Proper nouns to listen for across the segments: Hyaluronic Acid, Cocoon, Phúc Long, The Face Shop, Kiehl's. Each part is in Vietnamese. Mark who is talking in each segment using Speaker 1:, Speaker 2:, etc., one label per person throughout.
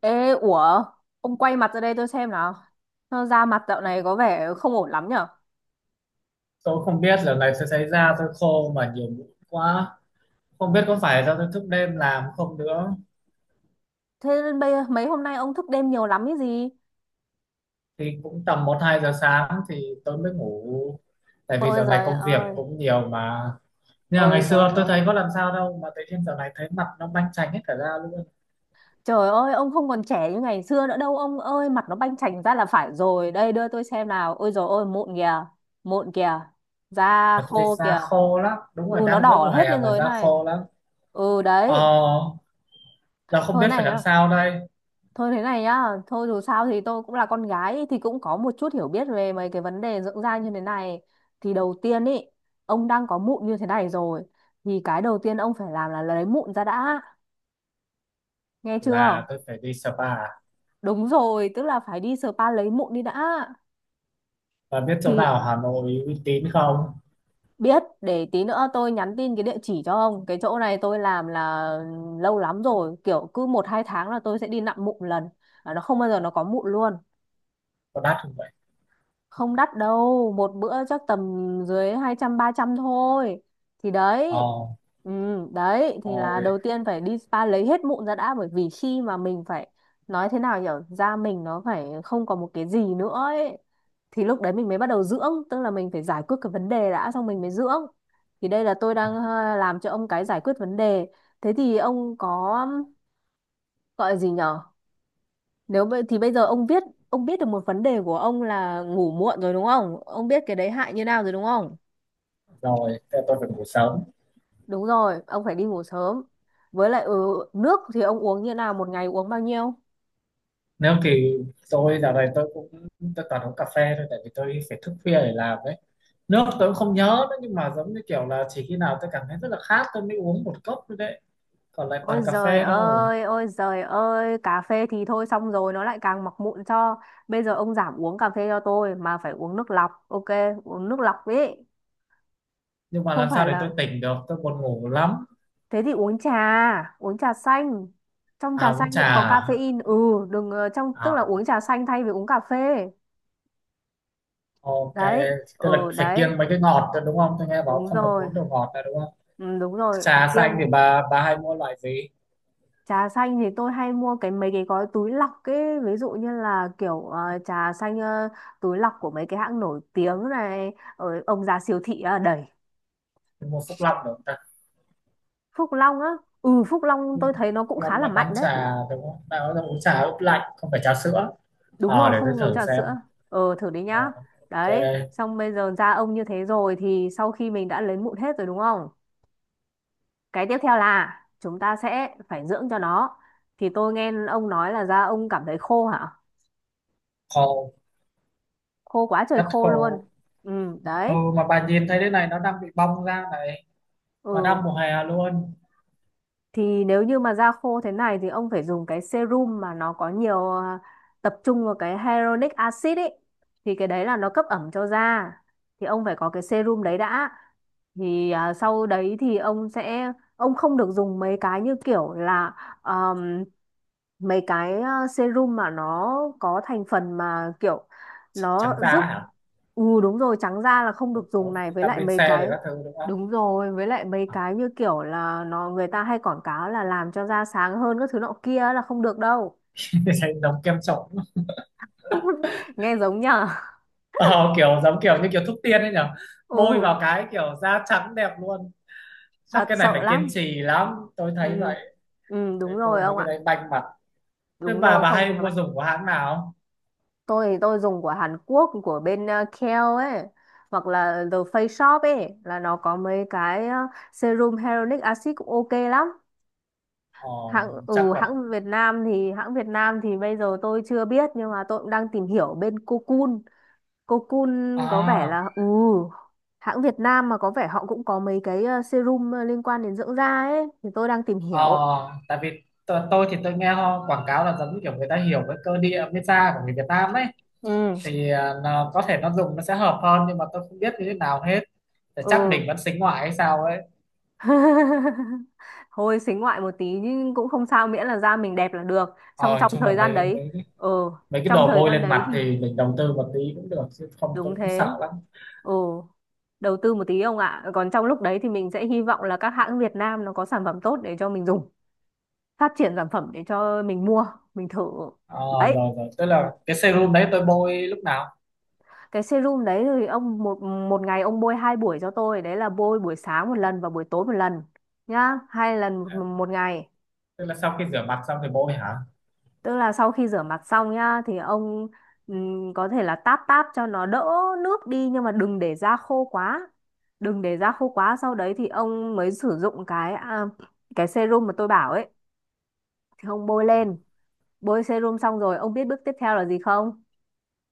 Speaker 1: Ê, ủa, ông quay mặt ra đây tôi xem nào. Da mặt dạo này có vẻ không ổn lắm nhở.
Speaker 2: Tôi không biết là này sẽ xảy ra, tôi khô mà nhiều mũi quá, không biết có phải do tôi thức đêm làm không nữa.
Speaker 1: Thế nên mấy hôm nay ông thức đêm nhiều lắm cái gì?
Speaker 2: Thì cũng tầm một hai giờ sáng thì tôi mới ngủ, tại vì
Speaker 1: Ôi
Speaker 2: giờ này
Speaker 1: giời
Speaker 2: công việc
Speaker 1: ơi,
Speaker 2: cũng nhiều mà. Nhưng mà ngày
Speaker 1: ôi giời
Speaker 2: xưa tôi thấy
Speaker 1: ơi.
Speaker 2: có làm sao đâu mà tự nhiên giờ này thấy mặt nó banh chành hết cả da luôn.
Speaker 1: Trời ơi, ông không còn trẻ như ngày xưa nữa đâu ông ơi, mặt nó banh chành ra là phải rồi. Đây đưa tôi xem nào. Ôi giời ơi, mụn kìa, da
Speaker 2: Mà tôi thấy
Speaker 1: khô
Speaker 2: da
Speaker 1: kìa.
Speaker 2: khô lắm, đúng
Speaker 1: Ừ,
Speaker 2: rồi,
Speaker 1: nó
Speaker 2: đang giữa
Speaker 1: đỏ
Speaker 2: mùa
Speaker 1: hết
Speaker 2: hè
Speaker 1: lên
Speaker 2: mà
Speaker 1: rồi
Speaker 2: da
Speaker 1: này.
Speaker 2: khô lắm.
Speaker 1: Ừ đấy,
Speaker 2: ờ Giờ không
Speaker 1: thôi
Speaker 2: biết phải
Speaker 1: này
Speaker 2: làm
Speaker 1: nhá.
Speaker 2: sao đây.
Speaker 1: Thôi thế này nhá, thôi dù sao thì tôi cũng là con gái thì cũng có một chút hiểu biết về mấy cái vấn đề dưỡng da như thế này. Thì đầu tiên ý, ông đang có mụn như thế này rồi thì cái đầu tiên ông phải làm là lấy mụn ra đã, nghe
Speaker 2: Là
Speaker 1: chưa?
Speaker 2: tôi phải đi spa?
Speaker 1: Đúng rồi, tức là phải đi spa lấy mụn đi đã.
Speaker 2: Và biết chỗ
Speaker 1: Thì
Speaker 2: nào Hà Nội uy tín không?
Speaker 1: biết để tí nữa tôi nhắn tin cái địa chỉ cho ông. Cái chỗ này tôi làm là lâu lắm rồi, kiểu cứ một hai tháng là tôi sẽ đi nặn mụn lần. À, nó không bao giờ nó có mụn luôn.
Speaker 2: Có đắt không vậy?
Speaker 1: Không đắt đâu, một bữa chắc tầm dưới hai trăm ba trăm thôi, thì
Speaker 2: ờ
Speaker 1: đấy. Ừ, đấy thì là
Speaker 2: Rồi.
Speaker 1: đầu tiên phải đi spa lấy hết mụn ra đã, bởi vì khi mà mình phải nói thế nào, hiểu da mình nó phải không còn một cái gì nữa ấy, thì lúc đấy mình mới bắt đầu dưỡng. Tức là mình phải giải quyết cái vấn đề đã, xong mình mới dưỡng. Thì đây là tôi đang
Speaker 2: À,
Speaker 1: làm cho ông cái giải quyết vấn đề. Thế thì ông có gọi là gì nhở, nếu vậy thì bây giờ ông biết được một vấn đề của ông là ngủ muộn rồi, đúng không? Ông biết cái đấy hại như nào rồi đúng không?
Speaker 2: rồi, thế là tôi phải ngủ sớm.
Speaker 1: Đúng rồi, ông phải đi ngủ sớm. Với lại nước thì ông uống như nào, một ngày uống bao nhiêu?
Speaker 2: Nếu thì Tôi dạo này tôi cũng, tôi toàn uống cà phê thôi, tại vì tôi phải thức khuya để làm đấy. Nước tôi cũng không nhớ nữa, nhưng mà giống như kiểu là chỉ khi nào tôi cảm thấy rất là khát tôi mới uống một cốc thôi đấy. Còn lại toàn cà phê thôi.
Speaker 1: Ôi giời ơi, cà phê thì thôi, xong rồi nó lại càng mọc mụn cho. Bây giờ ông giảm uống cà phê cho tôi mà phải uống nước lọc, ok, uống nước lọc ấy.
Speaker 2: Nhưng mà
Speaker 1: Không
Speaker 2: làm sao
Speaker 1: phải
Speaker 2: để tôi
Speaker 1: là,
Speaker 2: tỉnh được, tôi buồn ngủ lắm.
Speaker 1: thế thì uống trà xanh. Trong
Speaker 2: À,
Speaker 1: trà
Speaker 2: uống
Speaker 1: xanh
Speaker 2: trà
Speaker 1: cũng có
Speaker 2: à?
Speaker 1: caffeine. Ừ, đừng ờ, trong tức là
Speaker 2: À,
Speaker 1: uống trà xanh thay vì uống cà phê.
Speaker 2: ok,
Speaker 1: Đấy,
Speaker 2: tức là
Speaker 1: ừ
Speaker 2: phải
Speaker 1: đấy.
Speaker 2: kiêng mấy cái ngọt thôi, đúng không? Tôi nghe bảo
Speaker 1: Đúng
Speaker 2: không được
Speaker 1: rồi,
Speaker 2: uống đồ ngọt là đúng không?
Speaker 1: ừ, đúng rồi.
Speaker 2: Trà xanh
Speaker 1: kiêng
Speaker 2: thì bà hay mua loại gì?
Speaker 1: Trà xanh thì tôi hay mua cái mấy cái gói túi lọc ấy, ví dụ như là kiểu trà xanh, túi lọc của mấy cái hãng nổi tiếng này ở ông già siêu thị đầy.
Speaker 2: Mua Phúc Long được?
Speaker 1: Phúc Long á, ừ Phúc Long tôi thấy nó cũng
Speaker 2: Nó
Speaker 1: khá là
Speaker 2: bán
Speaker 1: mạnh đấy.
Speaker 2: trà đúng không? Nó uống trà ướp lạnh, không phải trà sữa.
Speaker 1: Đúng
Speaker 2: Ờ,
Speaker 1: rồi,
Speaker 2: để tôi
Speaker 1: không uống
Speaker 2: thử
Speaker 1: trà
Speaker 2: xem.
Speaker 1: sữa. Ờ, thử đi
Speaker 2: Ờ,
Speaker 1: nhá.
Speaker 2: ok.
Speaker 1: Đấy, xong bây giờ da ông như thế rồi thì sau khi mình đã lấy mụn hết rồi đúng không, cái tiếp theo là chúng ta sẽ phải dưỡng cho nó. Thì tôi nghe ông nói là da ông cảm thấy khô hả?
Speaker 2: Khô.
Speaker 1: Khô quá trời
Speaker 2: Rất
Speaker 1: khô luôn.
Speaker 2: khô.
Speaker 1: Ừ.
Speaker 2: Ừ,
Speaker 1: Đấy.
Speaker 2: mà bà nhìn thấy thế này, nó đang bị bong ra này. Mà
Speaker 1: Ừ.
Speaker 2: đang mùa hè luôn.
Speaker 1: Thì nếu như mà da khô thế này thì ông phải dùng cái serum mà nó có nhiều, tập trung vào cái hyaluronic acid ấy, thì cái đấy là nó cấp ẩm cho da. Thì ông phải có cái serum đấy đã. Thì sau đấy thì ông sẽ, ông không được dùng mấy cái như kiểu là, um, mấy cái serum mà nó có thành phần mà kiểu nó
Speaker 2: Trắng da
Speaker 1: giúp,
Speaker 2: hả?
Speaker 1: ừ đúng rồi, trắng da là không được dùng
Speaker 2: Có
Speaker 1: này, với lại
Speaker 2: vitamin C
Speaker 1: mấy
Speaker 2: rồi
Speaker 1: cái,
Speaker 2: các thứ đúng không?
Speaker 1: đúng rồi, với lại mấy
Speaker 2: Ờ,
Speaker 1: cái như kiểu là nó, người ta hay quảng cáo là làm cho da sáng hơn các thứ nọ kia là không được đâu.
Speaker 2: thấy giống kem trộn.
Speaker 1: Nghe giống nhở?
Speaker 2: Ờ, kiểu giống kiểu như kiểu thuốc tiên ấy nhở. Bôi
Speaker 1: Ừ,
Speaker 2: vào cái kiểu da trắng đẹp luôn. Chắc
Speaker 1: thật
Speaker 2: cái này
Speaker 1: sợ
Speaker 2: phải kiên
Speaker 1: lắm.
Speaker 2: trì lắm tôi thấy
Speaker 1: Ừ.
Speaker 2: vậy.
Speaker 1: Ừ,
Speaker 2: Thế
Speaker 1: đúng
Speaker 2: bôi
Speaker 1: rồi
Speaker 2: mấy
Speaker 1: ông
Speaker 2: cái
Speaker 1: ạ.
Speaker 2: đấy banh mặt. Thế
Speaker 1: Đúng
Speaker 2: bà
Speaker 1: rồi, không thì
Speaker 2: hay
Speaker 1: nó
Speaker 2: mua
Speaker 1: bay.
Speaker 2: dùng của hãng nào?
Speaker 1: Tôi thì tôi dùng của Hàn Quốc, của bên Kiehl ấy, hoặc là The Face Shop ấy, là nó có mấy cái serum hyaluronic acid cũng ok lắm.
Speaker 2: Ờ,
Speaker 1: Hãng ừ
Speaker 2: chắc là,
Speaker 1: hãng Việt Nam thì hãng Việt Nam thì bây giờ tôi chưa biết, nhưng mà tôi cũng đang tìm hiểu bên Cocoon. Cô Kun có vẻ
Speaker 2: à,
Speaker 1: là, hãng Việt Nam mà có vẻ họ cũng có mấy cái serum liên quan đến dưỡng da ấy, thì tôi đang tìm
Speaker 2: ờ,
Speaker 1: hiểu.
Speaker 2: tại vì tôi thì tôi nghe họ quảng cáo là giống như kiểu người ta hiểu cái cơ địa pizza của người Việt Nam ấy.
Speaker 1: Ừ.
Speaker 2: Thì à, nó, có thể nó dùng nó sẽ hợp hơn, nhưng mà tôi không biết như thế nào hết. Thì chắc
Speaker 1: Ừ.
Speaker 2: mình vẫn xính ngoại hay sao ấy.
Speaker 1: Thôi xính ngoại một tí nhưng cũng không sao, miễn là da mình đẹp là được. Trong
Speaker 2: Ờ, nói
Speaker 1: trong
Speaker 2: chung là
Speaker 1: thời gian
Speaker 2: mấy
Speaker 1: đấy,
Speaker 2: mấy
Speaker 1: ừ,
Speaker 2: mấy cái
Speaker 1: trong
Speaker 2: đồ
Speaker 1: thời
Speaker 2: bôi
Speaker 1: gian
Speaker 2: lên
Speaker 1: đấy
Speaker 2: mặt thì
Speaker 1: thì,
Speaker 2: mình đầu tư một tí cũng được, chứ không tôi
Speaker 1: đúng
Speaker 2: cũng
Speaker 1: thế.
Speaker 2: sợ lắm.
Speaker 1: Ừ, đầu tư một tí ông ạ. Còn trong lúc đấy thì mình sẽ hy vọng là các hãng Việt Nam nó có sản phẩm tốt để cho mình dùng, phát triển sản phẩm để cho mình mua, mình thử.
Speaker 2: Ờ,
Speaker 1: Đấy.
Speaker 2: rồi rồi, tức
Speaker 1: Ừ.
Speaker 2: là cái serum đấy tôi bôi lúc nào?
Speaker 1: Cái serum đấy thì ông, một một ngày ông bôi hai buổi cho tôi, đấy là bôi buổi sáng một lần và buổi tối một lần, nhá, hai lần một,
Speaker 2: À,
Speaker 1: một ngày.
Speaker 2: tức là sau khi rửa mặt xong thì bôi hả?
Speaker 1: Tức là sau khi rửa mặt xong nhá thì ông, có thể là táp táp cho nó đỡ nước đi, nhưng mà đừng để da khô quá, đừng để da khô quá, sau đấy thì ông mới sử dụng cái serum mà tôi bảo ấy, thì ông bôi
Speaker 2: Ờ,
Speaker 1: lên. Bôi serum xong rồi ông biết bước tiếp theo là gì không?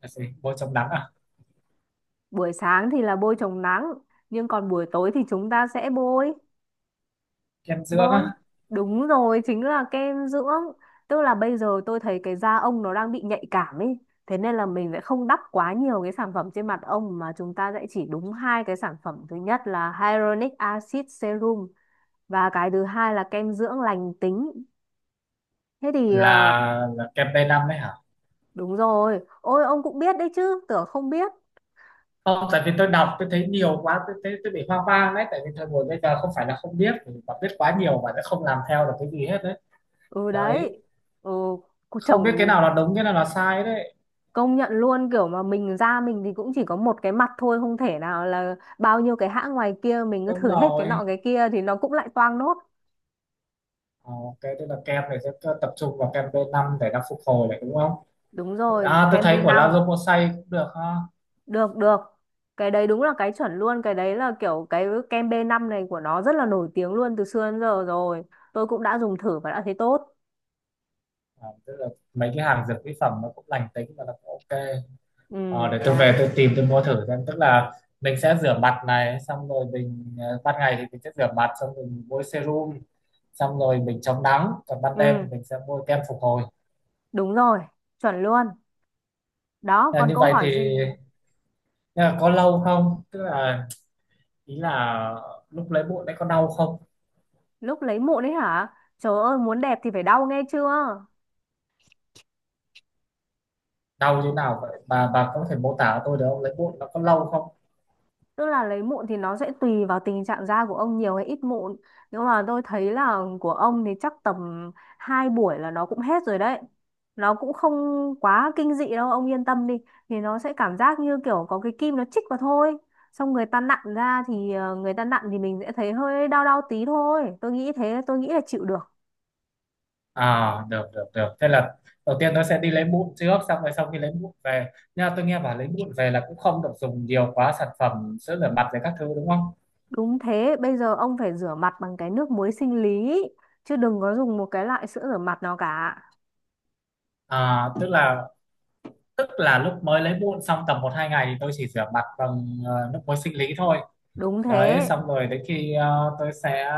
Speaker 2: là gì? Bôi chống nắng à?
Speaker 1: Buổi sáng thì là bôi chống nắng, nhưng còn buổi tối thì chúng ta sẽ bôi.
Speaker 2: Kem dưỡng á?
Speaker 1: Bôi, đúng rồi, chính là kem dưỡng. Tức là bây giờ tôi thấy cái da ông nó đang bị nhạy cảm ấy. Thế nên là mình sẽ không đắp quá nhiều cái sản phẩm trên mặt ông, mà chúng ta sẽ chỉ đúng hai cái sản phẩm. Thứ nhất là Hyaluronic Acid Serum, và cái thứ hai là kem dưỡng lành tính. Thế thì
Speaker 2: Là kem tây năm đấy hả?
Speaker 1: đúng rồi. Ôi ông cũng biết đấy chứ, tưởng không biết.
Speaker 2: Không, tại vì tôi đọc tôi thấy nhiều quá, tôi thấy tôi bị hoang mang đấy, tại vì thời buổi bây giờ không phải là không biết, mà biết quá nhiều mà sẽ không làm theo được cái gì hết đấy.
Speaker 1: Ừ
Speaker 2: Đấy.
Speaker 1: đấy. Ừ,
Speaker 2: Không biết cái
Speaker 1: chồng
Speaker 2: nào là đúng, cái nào là sai đấy.
Speaker 1: công nhận luôn, kiểu mà mình ra, mình thì cũng chỉ có một cái mặt thôi, không thể nào là bao nhiêu cái hãng ngoài kia mình cứ
Speaker 2: Đúng
Speaker 1: thử hết cái
Speaker 2: rồi.
Speaker 1: nọ cái kia thì nó cũng lại toang nốt.
Speaker 2: Ờ, ok, tức là kem này sẽ tập trung vào kem b năm để nó phục hồi này đúng không?
Speaker 1: Đúng rồi,
Speaker 2: À, tôi
Speaker 1: kem b
Speaker 2: thấy của
Speaker 1: năm.
Speaker 2: Lazomosay cũng được ha.
Speaker 1: Được được. Cái đấy đúng là cái chuẩn luôn, cái đấy là kiểu cái kem b năm này của nó rất là nổi tiếng luôn từ xưa đến giờ rồi. Tôi cũng đã dùng thử và đã thấy tốt.
Speaker 2: À, tức là mấy cái hàng dược mỹ phẩm nó cũng lành tính và nó cũng ok.
Speaker 1: Ừ,
Speaker 2: Ờ, để tôi về
Speaker 1: đấy.
Speaker 2: tôi tìm tôi mua thử xem. Tức là mình sẽ rửa mặt này, xong rồi mình ờ, ban ngày thì mình sẽ rửa mặt xong rồi mình bôi serum, xong rồi mình chống nắng, còn ban đêm thì
Speaker 1: Ừ,
Speaker 2: mình sẽ bôi kem phục hồi.
Speaker 1: đúng rồi, chuẩn luôn. Đó,
Speaker 2: À,
Speaker 1: còn
Speaker 2: như
Speaker 1: câu
Speaker 2: vậy thì
Speaker 1: hỏi gì?
Speaker 2: nhưng mà có lâu không, tức là ý là lúc lấy bụi đấy có đau không?
Speaker 1: Lúc lấy mụn ấy hả? Trời ơi, muốn đẹp thì phải đau, nghe chưa?
Speaker 2: Đau như nào vậy bà? Có thể mô tả cho tôi được không? Lấy bụi nó có lâu không?
Speaker 1: Tức là lấy mụn thì nó sẽ tùy vào tình trạng da của ông nhiều hay ít mụn. Nhưng mà tôi thấy là của ông thì chắc tầm 2 buổi là nó cũng hết rồi đấy. Nó cũng không quá kinh dị đâu, ông yên tâm đi. Thì nó sẽ cảm giác như kiểu có cái kim nó chích vào thôi. Xong người ta nặn ra thì, người ta nặn thì mình sẽ thấy hơi đau đau tí thôi. Tôi nghĩ thế, tôi nghĩ là chịu được.
Speaker 2: À, được được được. Thế là đầu tiên nó sẽ đi lấy mụn trước, xong rồi sau khi lấy mụn về. Nhưng mà tôi nghe bảo lấy mụn về là cũng không được dùng nhiều quá sản phẩm sữa rửa mặt rồi các thứ đúng không?
Speaker 1: Đúng thế, bây giờ ông phải rửa mặt bằng cái nước muối sinh lý. Chứ đừng có dùng một cái loại sữa rửa mặt nào cả.
Speaker 2: À, tức là lúc mới lấy mụn xong tầm một hai ngày thì tôi chỉ rửa mặt bằng ờ, nước muối sinh lý thôi.
Speaker 1: Đúng
Speaker 2: Đấy,
Speaker 1: thế,
Speaker 2: xong rồi đến khi ờ, tôi sẽ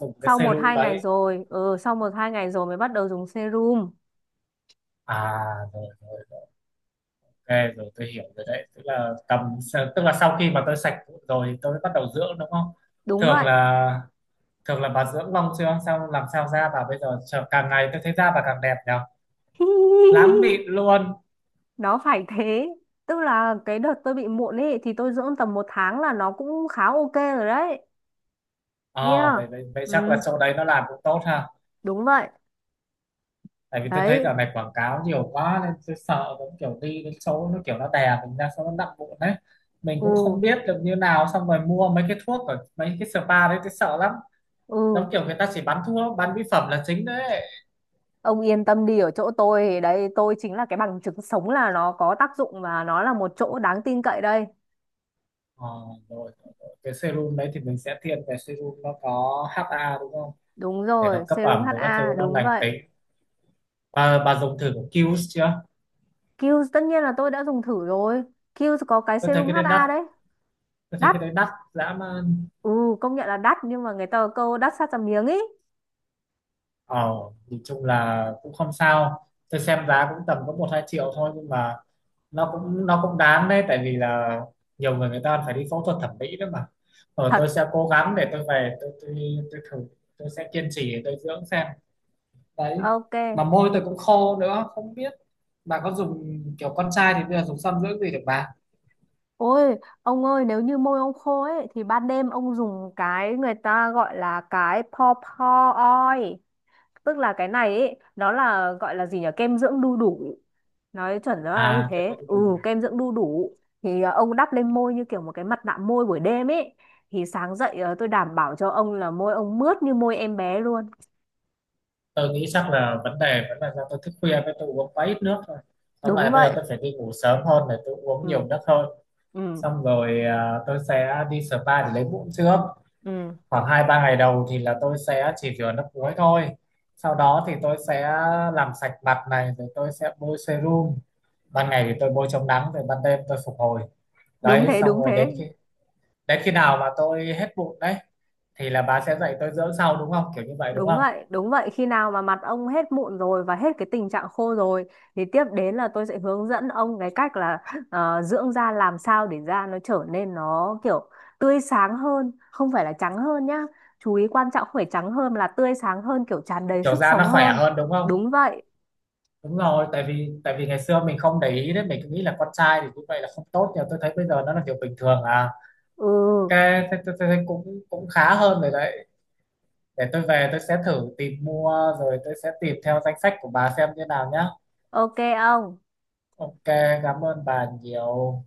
Speaker 2: dùng cái
Speaker 1: sau một
Speaker 2: serum
Speaker 1: hai ngày
Speaker 2: đấy.
Speaker 1: rồi, ừ sau một hai ngày rồi mới bắt đầu dùng serum.
Speaker 2: À, rồi rồi, ok rồi, tôi hiểu rồi đấy. Tức là tầm, tức là sau khi mà tôi sạch mụn rồi thì tôi bắt đầu dưỡng đúng không?
Speaker 1: Đúng
Speaker 2: Thường
Speaker 1: vậy.
Speaker 2: là, thường là bà dưỡng lông chưa sao làm sao da bà bây giờ càng ngày tôi thấy da bà càng đẹp nhở. Lắm mịn luôn.
Speaker 1: Nó phải thế, tức là cái đợt tôi bị mụn ấy thì tôi dưỡng tầm một tháng là nó cũng khá ok rồi đấy.
Speaker 2: Ờ
Speaker 1: Yeah.
Speaker 2: vậy, vậy vậy chắc là
Speaker 1: Ừ.
Speaker 2: chỗ đấy nó làm cũng tốt ha.
Speaker 1: Đúng vậy.
Speaker 2: Tại vì tôi thấy giờ
Speaker 1: Đấy.
Speaker 2: này quảng cáo nhiều quá nên tôi sợ giống kiểu đi đến chỗ nó kiểu nó đè mình ra xong nó nặng bụng đấy. Mình
Speaker 1: Ừ.
Speaker 2: cũng không biết được như nào, xong rồi mua mấy cái thuốc ở mấy cái spa đấy tôi sợ lắm.
Speaker 1: Ừ.
Speaker 2: Giống kiểu người ta chỉ bán thuốc bán mỹ phẩm là chính đấy.
Speaker 1: Ông yên tâm đi, ở chỗ tôi thì đấy, tôi chính là cái bằng chứng sống là nó có tác dụng và nó là một chỗ đáng tin cậy đây.
Speaker 2: Ờ, rồi, rồi, rồi. Cái serum đấy thì mình sẽ thiên về serum nó có HA đúng không?
Speaker 1: Đúng
Speaker 2: Để nó
Speaker 1: rồi,
Speaker 2: cấp
Speaker 1: serum
Speaker 2: ẩm rồi các thứ,
Speaker 1: HA,
Speaker 2: nó
Speaker 1: đúng
Speaker 2: lành
Speaker 1: vậy.
Speaker 2: tính. Bà dùng thử của Qs chưa?
Speaker 1: Kiehl's tất nhiên là tôi đã dùng thử rồi. Kiehl's có cái
Speaker 2: Tôi thấy
Speaker 1: serum
Speaker 2: cái đấy đắt.
Speaker 1: HA đấy.
Speaker 2: Tôi thấy
Speaker 1: Đắt.
Speaker 2: cái đấy đắt dã man.
Speaker 1: Ừ, công nhận là đắt nhưng mà người ta có câu đắt sát ra miếng ý.
Speaker 2: Ờ, nhìn chung là cũng không sao, tôi xem giá cũng tầm có một hai triệu thôi, nhưng mà nó cũng đáng đấy, tại vì là nhiều người, người ta phải đi phẫu thuật thẩm mỹ đó mà. Ờ,
Speaker 1: Thật.
Speaker 2: tôi sẽ cố gắng để tôi về tôi thử. Tôi sẽ kiên trì để tôi dưỡng xem. Đấy.
Speaker 1: Ok.
Speaker 2: Mà môi tôi cũng khô nữa không biết. Bà có dùng kiểu con trai thì bây giờ dùng son dưỡng gì được bà?
Speaker 1: Ôi, ông ơi, nếu như môi ông khô ấy thì ban đêm ông dùng cái người ta gọi là cái paw paw oil, tức là cái này ấy nó là, gọi là gì nhỉ, kem dưỡng đu đủ, nói chuẩn nó là như
Speaker 2: À, cho
Speaker 1: thế,
Speaker 2: tôi
Speaker 1: ừ,
Speaker 2: đi.
Speaker 1: kem dưỡng đu đủ, thì ông đắp lên môi như kiểu một cái mặt nạ môi buổi đêm ấy, thì sáng dậy tôi đảm bảo cho ông là môi ông mướt như môi em bé luôn.
Speaker 2: Tôi nghĩ chắc là vấn đề vẫn là do tôi thức khuya với tôi uống quá ít nước thôi. Tóm
Speaker 1: Đúng
Speaker 2: lại bây giờ
Speaker 1: vậy.
Speaker 2: tôi phải đi ngủ sớm hơn để tôi uống
Speaker 1: Ừ.
Speaker 2: nhiều nước hơn.
Speaker 1: Ừ.
Speaker 2: Xong rồi à, tôi sẽ đi spa để lấy mụn trước.
Speaker 1: Ừ.
Speaker 2: Khoảng hai ba ngày đầu thì là tôi sẽ chỉ rửa nước muối thôi. Sau đó thì tôi sẽ làm sạch mặt này rồi tôi sẽ bôi serum. Ban ngày thì tôi bôi chống nắng, rồi ban đêm tôi phục hồi.
Speaker 1: Đúng
Speaker 2: Đấy,
Speaker 1: thế,
Speaker 2: xong
Speaker 1: đúng
Speaker 2: rồi đến
Speaker 1: thế.
Speaker 2: khi, đến khi nào mà tôi hết mụn đấy thì là bà sẽ dạy tôi dưỡng sau đúng không, kiểu như vậy đúng
Speaker 1: Đúng
Speaker 2: không?
Speaker 1: vậy, đúng vậy. Khi nào mà mặt ông hết mụn rồi và hết cái tình trạng khô rồi thì tiếp đến là tôi sẽ hướng dẫn ông cái cách là, dưỡng da làm sao để da nó trở nên nó kiểu tươi sáng hơn, không phải là trắng hơn nhá. Chú ý quan trọng, không phải trắng hơn mà là tươi sáng hơn, kiểu tràn đầy
Speaker 2: Kiểu
Speaker 1: sức
Speaker 2: da
Speaker 1: sống
Speaker 2: nó khỏe
Speaker 1: hơn.
Speaker 2: hơn đúng không?
Speaker 1: Đúng vậy.
Speaker 2: Đúng rồi, tại vì ngày xưa mình không để ý đấy, mình cứ nghĩ là con trai thì như vậy là không tốt, nhưng mà tôi thấy bây giờ nó là điều bình thường à.
Speaker 1: Ừ,
Speaker 2: Cái thế, thế, thế, thế cũng cũng khá hơn rồi đấy. Để tôi về tôi sẽ thử tìm mua rồi tôi sẽ tìm theo danh sách của bà xem như nào nhá.
Speaker 1: ok ông.
Speaker 2: Ok. Cảm ơn bà nhiều.